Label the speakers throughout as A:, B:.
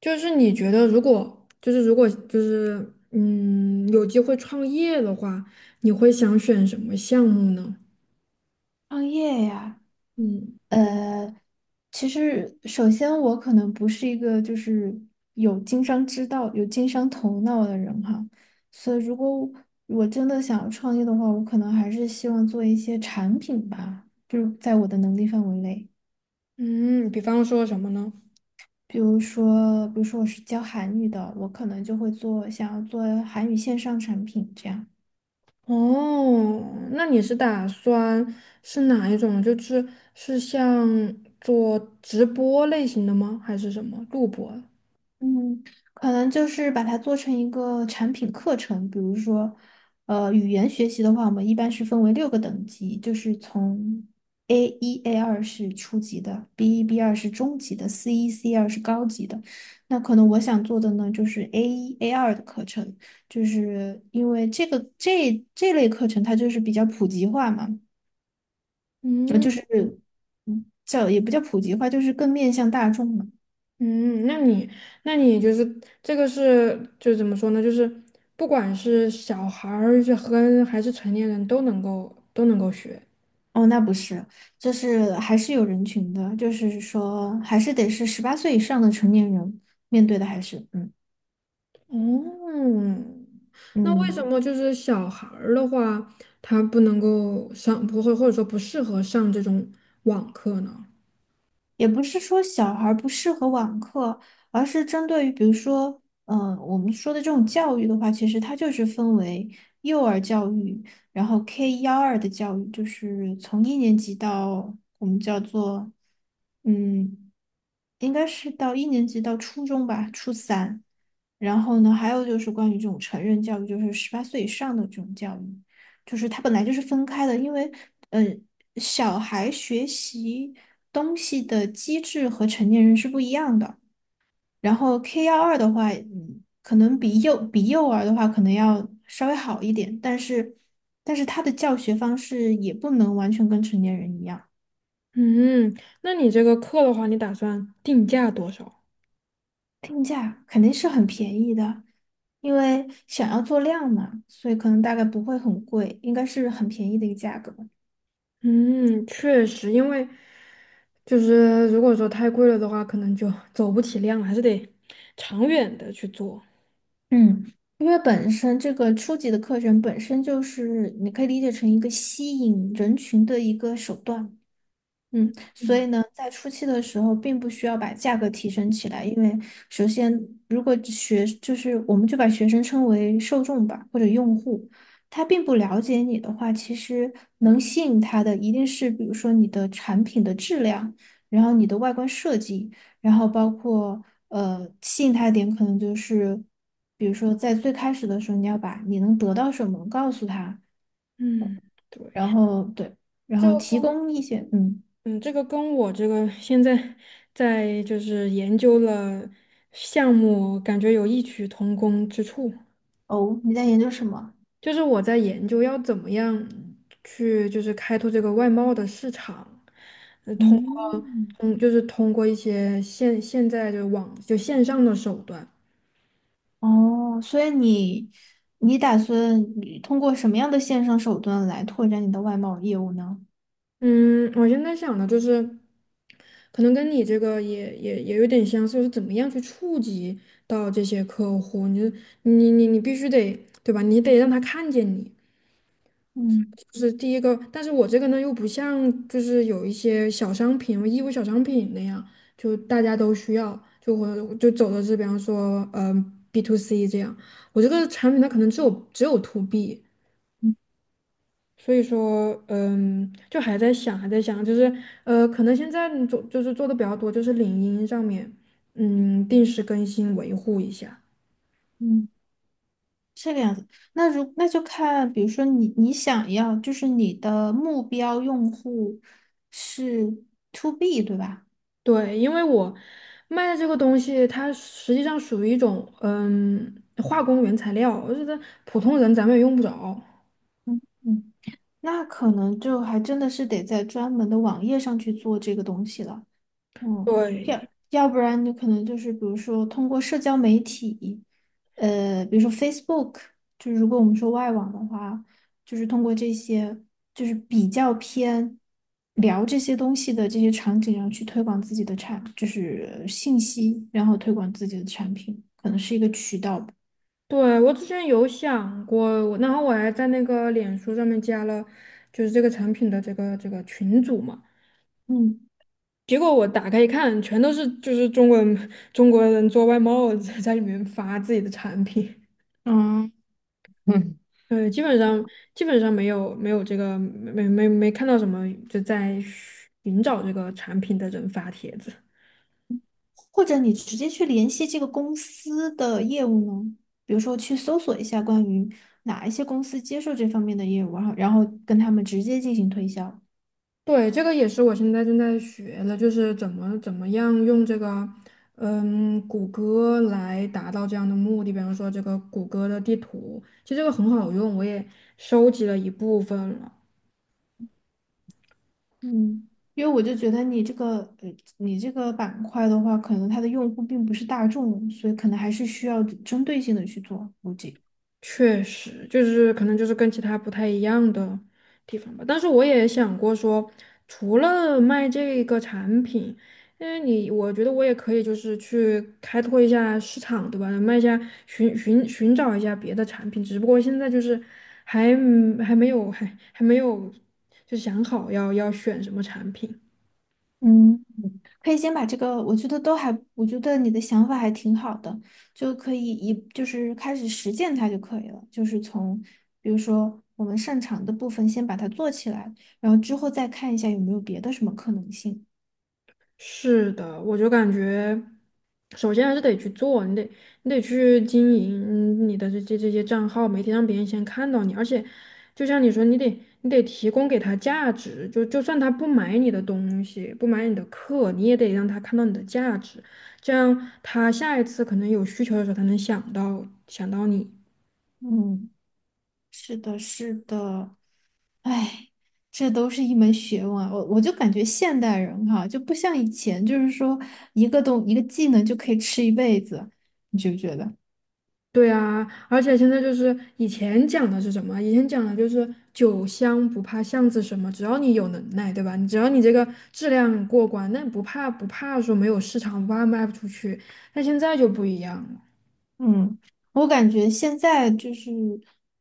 A: 就是你觉得，如果有机会创业的话，你会想选什么项目呢？
B: 创业呀，
A: 嗯，
B: 呃，其实首先我可能不是一个就是有经商之道、有经商头脑的人哈，所以如果我真的想要创业的话，我可能还是希望做一些产品吧，就是在我的能力范围内，
A: 嗯，比方说什么呢？
B: 比如说我是教韩语的，我可能就会做想要做韩语线上产品这样。
A: 哦，那你是打算是哪一种？就是像做直播类型的吗？还是什么录播？
B: 嗯，可能就是把它做成一个产品课程，比如说，语言学习的话，我们一般是分为六个等级，就是从 A 一、A 二是初级的，B1、B2是中级的，C1、C2是高级的。那可能我想做的呢，就是 A 一、A 二的课程，就是因为这个这类课程它就是比较普及化嘛，
A: 嗯
B: 就是叫也不叫普及化，就是更面向大众嘛。
A: 嗯，那你就是这个怎么说呢？就是不管是小孩儿还是成年人都能够学。
B: 哦，那不是，就是还是有人群的，就是说还是得是十八岁以上的成年人面对的，还是嗯
A: 嗯，那为什
B: 嗯，
A: 么就是小孩儿的话，他不能够上，不会或者说不适合上这种网课呢？
B: 也不是说小孩儿不适合网课，而是针对于比如说，我们说的这种教育的话，其实它就是分为幼儿教育，然后 K 幺二的教育，就是从一年级到我们叫做嗯。应该是到一年级到初中吧，初三。然后呢，还有就是关于这种成人教育，就是十八岁以上的这种教育，就是它本来就是分开的，因为嗯，小孩学习东西的机制和成年人是不一样的。然后 K 幺二的话，可能比幼儿的话可能要稍微好一点，但是他的教学方式也不能完全跟成年人一样。
A: 嗯，那你这个课的话，你打算定价多少？
B: 定价肯定是很便宜的，因为想要做量嘛，所以可能大概不会很贵，应该是很便宜的一个价格。
A: 嗯，确实，因为就是如果说太贵了的话，可能就 走不起量了，还是得长远的去做。
B: 嗯，因为本身这个初级的课程本身就是你可以理解成一个吸引人群的一个手段。所
A: 嗯
B: 以呢，在初期的时候，并不需要把价格提升起来，因为首先，如果就是我们就把学生称为受众吧，或者用户，他并不了解你的话，其实能吸引他的一定是，比如说你的产品的质量，然后你的外观设计，然后包括吸引他的点可能就是，比如说在最开始的时候，你要把你能得到什么告诉他，
A: 嗯，对，
B: 然后对，然
A: 这
B: 后
A: 个
B: 提
A: 跟
B: 供一些嗯
A: 嗯，这个跟我这个现在在就是研究了项目，感觉有异曲同工之处。
B: 哦，你在研究什么？
A: 就是我在研究要怎么样去就是开拓这个外贸的市场，通
B: 嗯，
A: 通就是通过一些现在的线上的手段。
B: 哦，所以你打算通过什么样的线上手段来拓展你的外贸业务呢？
A: 嗯，我现在想的就是，可能跟你这个也有点相似，就是怎么样去触及到这些客户，你就你你你必须得对吧？你得让他看见你。
B: 嗯
A: 就是第一个，但是我这个呢又不像就是有一些小商品、义乌小商品那样，就大家都需要，就我就走的是比方说，嗯，B to C 这样，我这个产品它可能只有 to B。
B: 嗯
A: 所以说，嗯，就还在想，还在想，就是可能现在做就是做的比较多，就是领英上面，嗯，定时更新维护一下。
B: 嗯，这个样子。那就看，比如说你想要，就是你的目标用户是 to B，对吧？
A: 对，因为我卖的这个东西，它实际上属于一种化工原材料，我觉得普通人咱们也用不着。
B: 嗯嗯，那可能就还真的是得在专门的网页上去做这个东西了。嗯，要
A: 对，
B: 要不然你可能就是比如说通过社交媒体，比如说 Facebook，就是如果我们说外网的话，就是通过这些就是比较偏聊这些东西的这些场景，然后去推广自己的就是信息，然后推广自己的产品，可能是一个渠道吧。
A: 对，我之前有想过，然后我还在那个脸书上面加了，就是这个产品的这个群组嘛。
B: 嗯。
A: 结果我打开一看，全都是就是中国人做外贸在里面发自己的产品。
B: 嗯。
A: 对，基本上没有没有这个没没没看到什么就在寻找这个产品的人发帖子。
B: 或者你直接去联系这个公司的业务呢？比如说去搜索一下关于哪一些公司接受这方面的业务，然后跟他们直接进行推销。
A: 对，这个也是我现在正在学的，就是怎么样用这个谷歌来达到这样的目的。比方说这个谷歌的地图，其实这个很好用，我也收集了一部分了。
B: 嗯，因为我就觉得你这个你这个板块的话，可能它的用户并不是大众，所以可能还是需要针对性的去做估计。
A: 确实，就是可能就是跟其他不太一样的地方吧。但是我也想过说，除了卖这个产品，因为你，我觉得我也可以就是去开拓一下市场，对吧？卖一下，寻找一下别的产品。只不过现在就是还还没有还还没有就想好要选什么产品。
B: 嗯，可以先把这个，我觉得都还，我觉得你的想法还挺好的，就可以就是开始实践它就可以了，就是从比如说我们擅长的部分先把它做起来，然后之后再看一下有没有别的什么可能性。
A: 是的，我就感觉，首先还是得去做，你得去经营你的这些账号，媒体让别人先看到你，而且就像你说，你得提供给他价值，就算他不买你的东西，不买你的课，你也得让他看到你的价值，这样他下一次可能有需求的时候，他能想到你。
B: 嗯，是的，是的，哎，这都是一门学问啊，我就感觉现代人哈、就不像以前，就是说一个技能就可以吃一辈子，你觉不觉得？
A: 对啊，而且现在就是以前讲的是什么？以前讲的就是酒香不怕巷子深嘛，只要你有能耐，对吧？你只要你这个质量过关，那不怕说没有市场，不怕卖不出去。但现在就不一样了。
B: 嗯，我感觉现在就是，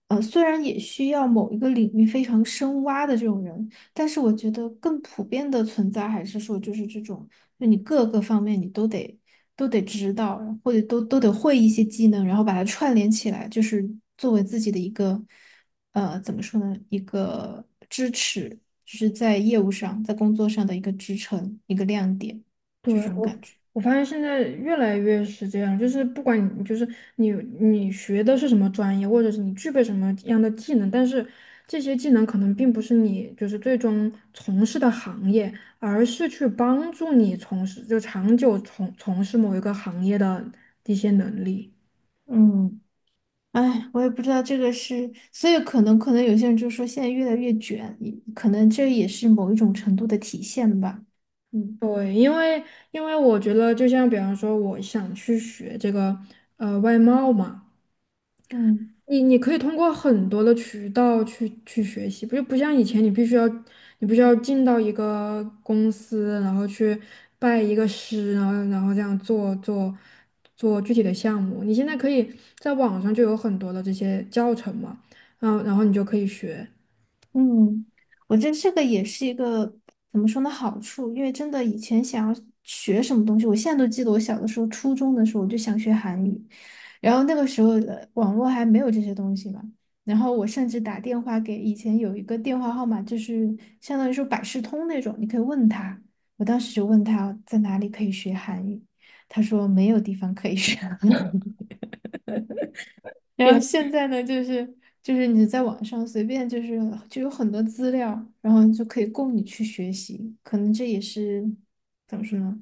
B: 虽然也需要某一个领域非常深挖的这种人，但是我觉得更普遍的存在还是说，就是这种，就你各个方面你都得都得知道，或者都得会一些技能，然后把它串联起来，就是作为自己的一个，怎么说呢，一个支持，就是在业务上，在工作上的一个支撑，一个亮点，
A: 对，
B: 这种
A: 我
B: 感觉。
A: 我发现现在越来越是这样，就是不管你就是你你学的是什么专业，或者是你具备什么样的技能，但是这些技能可能并不是你就是最终从事的行业，而是去帮助你从事就长久从事某一个行业的一些能力。
B: 嗯。哎，我也不知道这个是，所以可能有些人就说现在越来越卷，可能这也是某一种程度的体现吧。嗯。
A: 对，因为我觉得，就像比方说，我想去学这个外贸嘛。
B: 嗯。
A: 你可以通过很多的渠道去学习，不像以前你必须要进到一个公司，然后去拜一个师，然后这样做具体的项目。你现在可以在网上就有很多的这些教程嘛，嗯，然后你就可以学。
B: 嗯，我觉得这个也是一个怎么说呢好处，因为真的以前想要学什么东西，我现在都记得我小的时候，初中的时候我就想学韩语，然后那个时候的网络还没有这些东西嘛，然后我甚至打电话给以前有一个电话号码，就是相当于说百事通那种，你可以问他，我当时就问他在哪里可以学韩语，他说没有地方可以学。然后现在呢，就是你在网上随便就有很多资料，然后就可以供你去学习，可能这也是怎么说呢，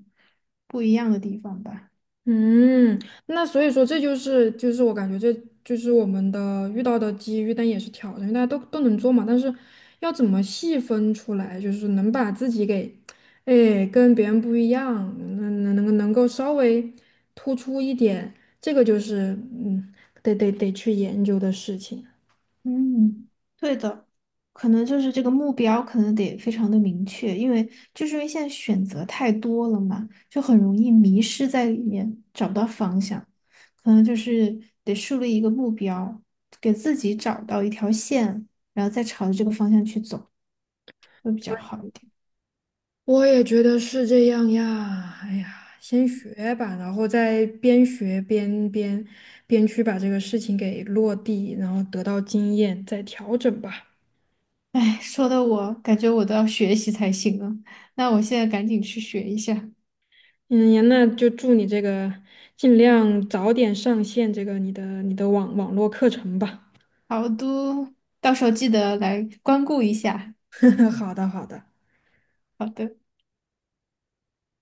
B: 不一样的地方吧。
A: 嗯，那所以说这就是我感觉这就是我们的遇到的机遇，但也是挑战，因为大家都能做嘛，但是要怎么细分出来，就是能把自己给，哎，跟别人不一样，能够稍微突出一点，这个就是得去研究的事情。
B: 嗯，对的，可能就是这个目标可能得非常的明确，因为现在选择太多了嘛，就很容易迷失在里面，找不到方向。可能就是得树立一个目标，给自己找到一条线，然后再朝着这个方向去走。会比较好一点。
A: 我也觉得是这样呀。哎呀，先学吧，然后再边学边去把这个事情给落地，然后得到经验，再调整吧。
B: 哎，说的我感觉我都要学习才行了。那我现在赶紧去学一下。
A: 嗯呀，那就祝你这个尽量早点上线这个你的网络课程吧。
B: 好的，到时候记得来光顾一下。
A: 好的，好的。
B: 好的。